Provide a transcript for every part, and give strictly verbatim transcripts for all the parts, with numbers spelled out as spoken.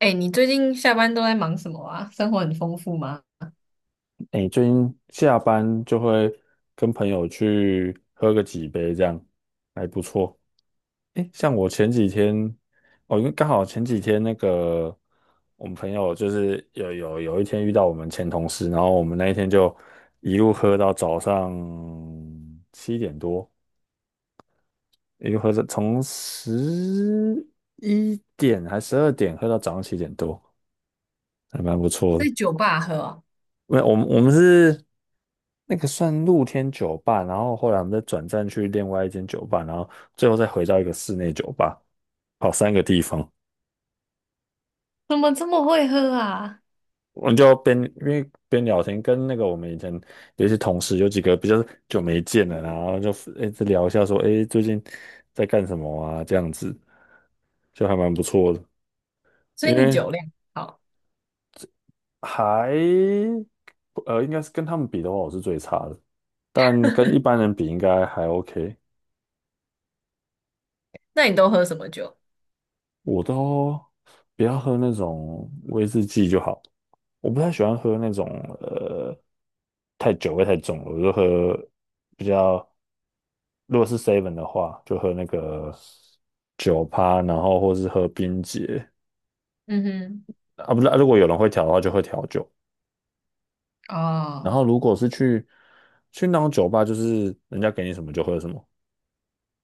哎，你最近下班都在忙什么啊？生活很丰富吗？哎，最近下班就会跟朋友去喝个几杯，这样还不错。哎，像我前几天，哦，因为刚好前几天那个我们朋友就是有有有一天遇到我们前同事，然后我们那一天就一路喝到早上七点多，一路喝到从十一点还十二点喝到早上七点多，还蛮不错的。在酒吧喝啊？没有，我们我们是那个算露天酒吧，然后后来我们再转战去另外一间酒吧，然后最后再回到一个室内酒吧，跑三个地方。怎么这么会喝啊？我们就边因为边聊天，跟那个我们以前有一些同事，有几个比较久没见了，然后就一直聊一下说，哎，最近在干什么啊？这样子就还蛮不错的，所以因你为酒量好。还呃应该是跟他们比的话，我是最差的，但跟一般 人比应该还 OK。那你都喝什么酒？我都不要喝那种威士忌就好，我不太喜欢喝那种呃太酒味太重了，我就喝比较如果是 seven 的话，就喝那个酒趴，然后或是喝冰杰嗯啊，不是，啊如果有人会调的话，就会调酒。哼。然哦。后如果是去去那种酒吧，就是人家给你什么就喝什么，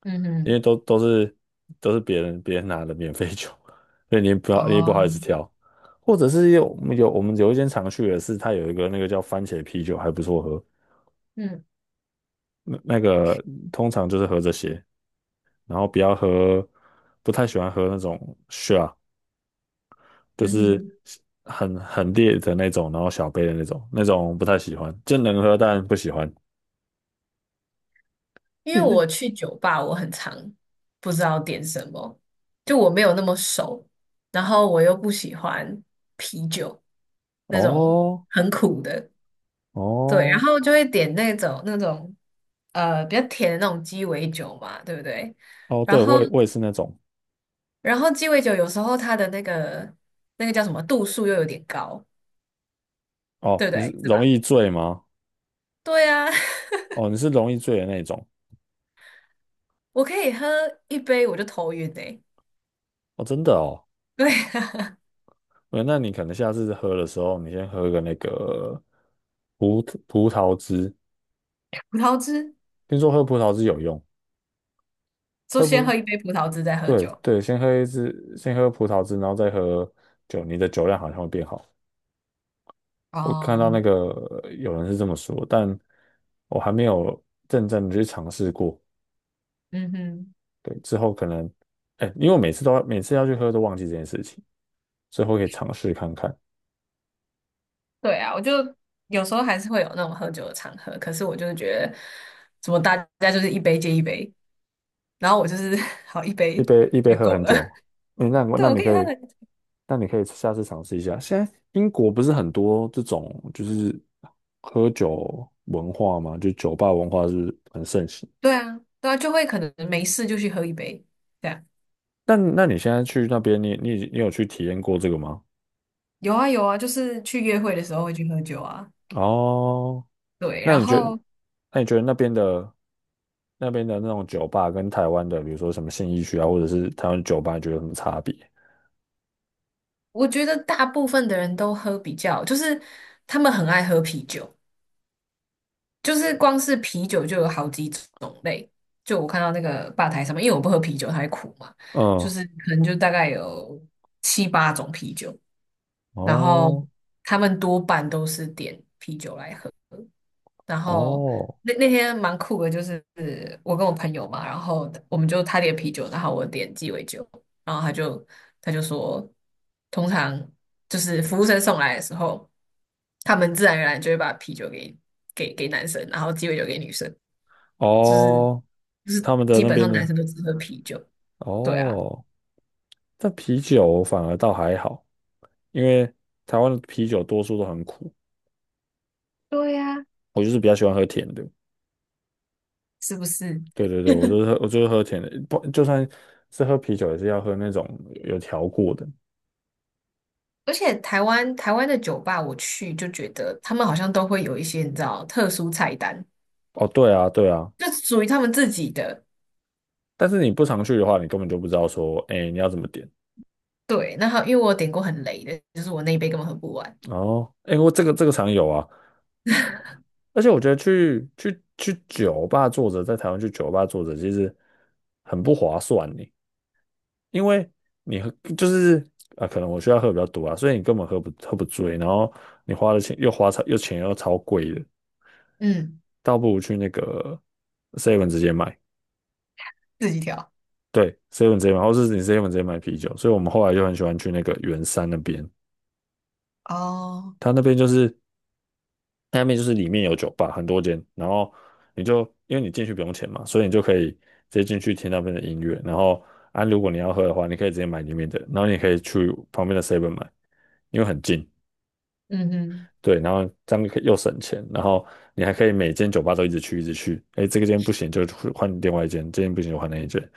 嗯因为哼。都都是都是别人别人拿的免费酒，所以你也不要你也不好哦。意思挑，或者是有有我们有一间常去的是它有一个那个叫番茄啤酒还不错喝，嗯那那个通常就是喝这些，然后不要喝，不太喜欢喝那种 shot，就嗯是哼。很很烈的那种，然后小杯的那种，那种不太喜欢，就能喝但不喜欢。因为诶那我去酒吧，我很常不知道点什么，就我没有那么熟，然后我又不喜欢啤酒那种哦很苦的。对，然哦后就会点那种那种呃比较甜的那种鸡尾酒嘛，对不对？哦，然对后我也我也是那种然后鸡尾酒有时候它的那个那个叫什么度数又有点高，哦，对不你是对？是容吧？易醉吗？对啊。哦，你是容易醉的那种我可以喝一杯我就头晕诶、哦，真的哦。对啊。 呃那你可能下次喝的时候，你先喝个那个葡葡萄汁，葡萄汁，听说喝葡萄汁有用。就喝先葡，喝一杯葡萄汁再喝对酒。对，先喝一支，先喝葡萄汁，然后再喝酒，你的酒量好像会变好。我看到那哦。个呃有人是这么说，但我还没有认真的去尝试过。嗯哼。对，之后可能，哎，因为我每次都要每次要去喝都忘记这件事情，之后可以尝试看看。对啊，我就有时候还是会有那种喝酒的场合，可是我就是觉得，怎么大家就是一杯接一杯，然后我就是 好一杯一杯一杯就喝够很了。久。嗯，那对，那我你可以喝可以，很。那你可以下次尝试一下。现在英国不是很多这种就是喝酒文化吗？就酒吧文化是很盛行。对啊，对啊，就会可能没事就去喝一杯，这样。那那你现在去那边，你你你有去体验过这个吗？有啊，有啊，就是去约会的时候会去喝酒啊。哦，对，那然你觉得，后那你觉得那边的那边的那种酒吧跟台湾的，比如说什么信义区啊，或者是台湾酒吧，你觉得有什么差别？我觉得大部分的人都喝比较，就是他们很爱喝啤酒，就是光是啤酒就有好几种类，就我看到那个吧台上面，因为我不喝啤酒，它会苦嘛，就嗯，是可能就大概有七八种啤酒，然后哦他们多半都是点啤酒来喝。然后哦那那天蛮酷的，就是我跟我朋友嘛，然后我们就他点啤酒，然后我点鸡尾酒，然后他就他就说，通常就是服务生送来的时候，他们自然而然就会把啤酒给给给男生，然后鸡尾酒给女生，就是哦，就是他们的基那本边上男呢？生都只喝啤酒。对啊，哦，但啤酒反而倒还好，因为台湾的啤酒多数都很苦，对呀、我就是比较喜欢喝甜的。是不是？对对对，我就 是喝，我就是喝甜的，不，就算是喝啤酒也是要喝那种有调过的。而且台湾台湾的酒吧我去就觉得他们好像都会有一些你知道特殊菜单，哦，对啊，对啊，就属于他们自己的。但是你不常去的话，你根本就不知道说，哎，你要怎么点。对，那他因为我有点过很雷的，就是我那一杯根本喝不完。哦，哎，我这个这个常有啊，而且我觉得去去去酒吧坐着，在台湾去酒吧坐着，其实很不划算呢。因为你喝就是啊、呃可能我需要喝比较多啊，所以你根本喝不喝不醉，然后你花的钱又花超又钱又超贵的，嗯，倒不如去那个 Seven 直接买，自己调。对，Seven 直接买，或是你 Seven 直接买啤酒。所以我们后来就很喜欢去那个圆山那边，哦。它那边就是下面就是里面有酒吧很多间，然后你就因为你进去不用钱嘛，所以你就可以直接进去听那边的音乐，然后啊如果你要喝的话，你可以直接买里面的，然后你可以去旁边的 Seven 买，因为很近。嗯哼。对，然后这样可以又省钱，然后你还可以每间酒吧都一直去，一直去。哎，这个间不行就换另外一间，这间不行就换那一间，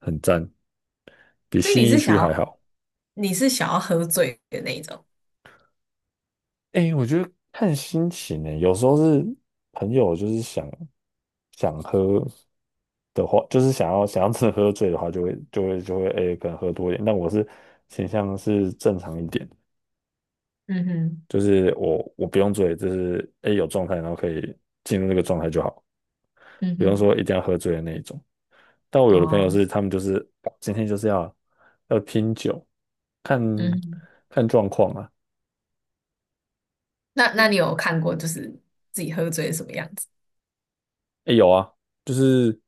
很赞，比所以你新一是想区还要，好。你是想要喝醉的那一种。哎，我觉得看心情呢，有时候是朋友就是想想喝的话，就是想要想要真的喝醉的话就，会就会就会哎，可能喝多一点。但我是倾向是正常一点，嗯哼。就是我我不用醉，就是哎有状态，然后可以进入那个状态就好，不用嗯说一定要喝醉的那一种。但我哼。有的朋友哦。是他们就是今天就是要要拼酒，看嗯哼。看状况啊。那那你有看过就是自己喝醉是什么样子？哎，有啊，就是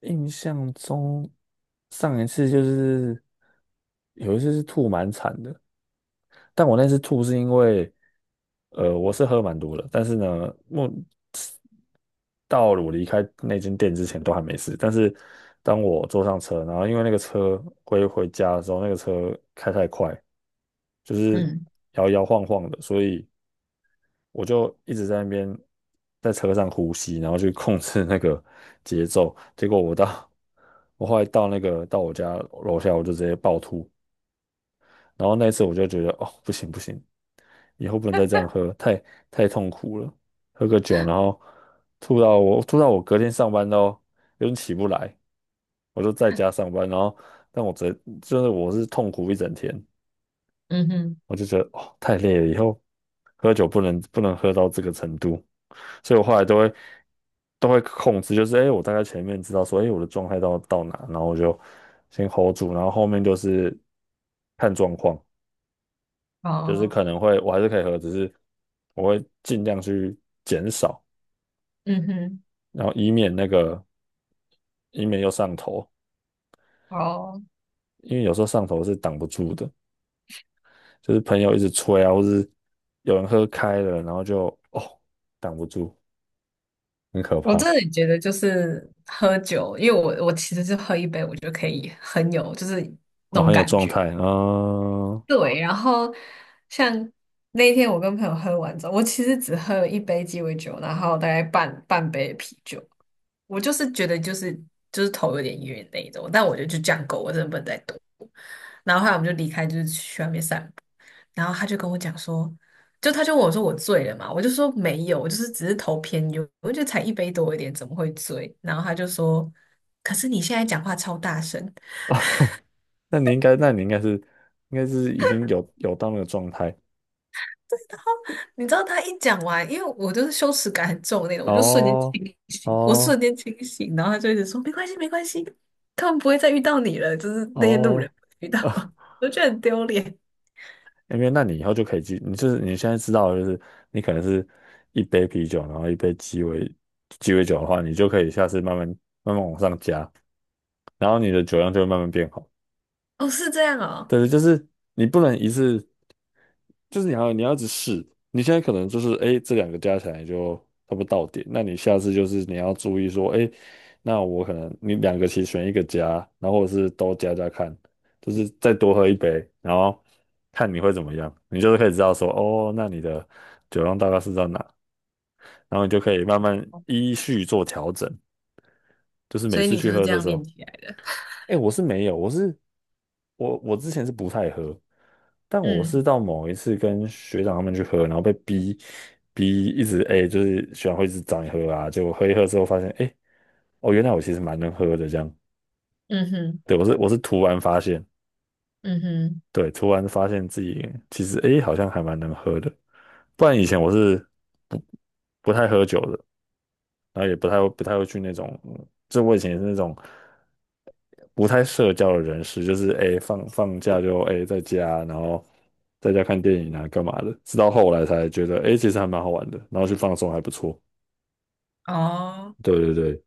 印象中上一次就是有一次是吐蛮惨的，但我那次吐是因为，呃，我是喝蛮多的，但是呢，我到了我离开那间店之前都还没事。但是当我坐上车，然后因为那个车回回家的时候，那个车开太快，就是嗯摇摇晃晃的，所以我就一直在那边在车上呼吸，然后去控制那个节奏。结果我到 我后来到那个到我家楼下，我就直接暴吐。然后那一次我就觉得哦，不行不行，以后不能再这样喝，太太痛苦了。喝个酒，然后吐到我吐到我隔天上班都有点起不来，我就在家上班，然后但我整就是我是痛苦一整天，嗯哼。我就觉得哦太累了，以后喝酒不能不能喝到这个程度，所以我后来都会都会控制，就是哎、诶我大概前面知道说哎、诶我的状态到到哪，然后我就先 hold 住，然后后面就是看状况。就是哦。可能会我还是可以喝，只是我会尽量去减少，嗯哼。然后以免那个以免又上头，哦，因为有时候上头是挡不住的，就是朋友一直催啊，或是有人喝开了，然后就哦挡不住，很可我怕，真的觉得就是喝酒，因为我我其实是喝一杯我就可以很有就是那然后种很有感状觉。态啊。呃对，然后像那天我跟朋友喝完之后，我其实只喝了一杯鸡尾酒，然后大概半半杯啤酒，我就是觉得就是就是头有点晕那一种，但我觉得就这样够，我真的不能再多。然后后来我们就离开，就是去外面散步，然后他就跟我讲说，就他就问我说我醉了嘛，我就说没有，我就是只是头偏晕，我就觉得才一杯多一点，怎么会醉？然后他就说，可是你现在讲话超大声。那你应该，那你应该是应该是已经有有到那个状态 然后你知道他一讲完，因为我就是羞耻感很重的那种，我就瞬间清哦醒，我瞬哦间清醒，然后他就一直说没关系，没关系，他们不会再遇到你了，就是那些路人哦。不会遇到。我觉得很丢脸。因为那你以后就可以记，你就是你现在知道，就是你可能是一杯啤酒，然后一杯鸡尾鸡尾酒的话，你就可以下次慢慢慢慢往上加，然后你的酒量就会慢慢变好。哦，是这样哦，对，就是你不能一次，就是你要你要一直试。你现在可能就是哎，诶这两个加起来就差不多到点，那你下次就是你要注意说，哎，那我可能你两个其实选一个加，然后或者是都加加看，就是再多喝一杯，然后看你会怎么样，你就是可以知道说，哦，那你的酒量大概是在哪，然后你就可以慢慢依序做调整，就是所每以次你去就是喝这的样时练候。起来的。哎，我是没有，我是我我之前是不太喝，但我是嗯到某一次跟学长他们去喝，然后被逼逼一直哎，就是学长会一直找你喝啊，结果喝一喝之后发现，哎，哦，原来我其实蛮能喝的这样。嗯哼对，我是我是突然发现，嗯哼。对，突然发现自己其实哎好像还蛮能喝的，不然以前我是不不太喝酒的。然后也不太会不太会去那种，就我以前也是那种不太社交的人士，就是哎、诶放放假就哎、诶在家，然后在家看电影啊干嘛的，直到后来才觉得哎、诶其实还蛮好玩的，然后去放松还不错。哦。对对对，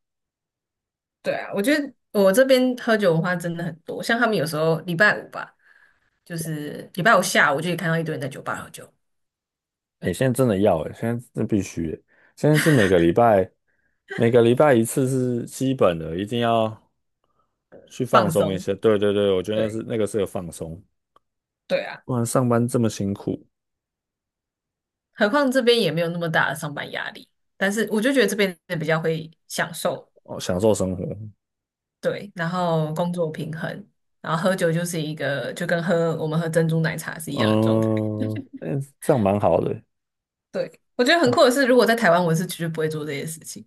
对啊，我觉得我这边喝酒文化真的很多，像他们有时候礼拜五吧，就是礼拜五下午就可以看到一堆人在酒吧喝酒哎、现在真的要哎、现在真必须欸、诶现在是每个礼拜每个礼拜一次是基本的，一定要去放放松一松。下。对对对，我觉得那是对。那个是个放松，对啊。不然上班这么辛苦何况这边也没有那么大的上班压力，但是我就觉得这边的比较会享受，哦，享受生活。对，然后工作平衡，然后喝酒就是一个就跟喝我们喝珍珠奶茶是一样的状态。嗯，哎，这样蛮好的对，我觉得很酷哦。的是，如果在台湾，我是绝对不会做这些事情。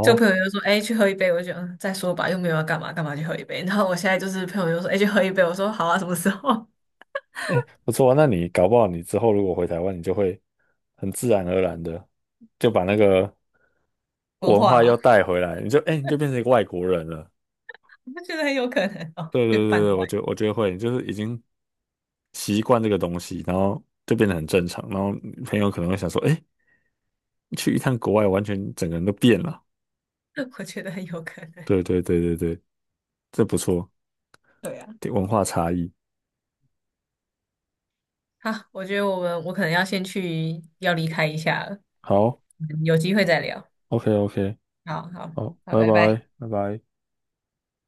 就朋友就说："哎、去喝一杯。"我就觉得嗯，再说吧，又没有要干嘛，干嘛去喝一杯？然后我现在就是朋友就说："哎、去喝一杯。"我说："好啊，什么时候？"哎，不错啊。那你搞不好你之后如果回台湾，你就会很自然而然的就把那个文文化化又吗？带回来，你就哎，你就变成一个外国人了。我觉得很有可能哦，对越对对办对，过我觉得我觉得会，就是已经习惯这个东西，然后就变得很正常。然后朋友可能会想说，哎，去一趟国外，完全整个人都变了。我觉得很有可能。对对对对对，这不错，对啊。文化差异。好，我觉得我们我可能要先去要离开一下了，嗯好有机会再聊。，OK OK，好好好，好，拜拜拜。拜拜拜。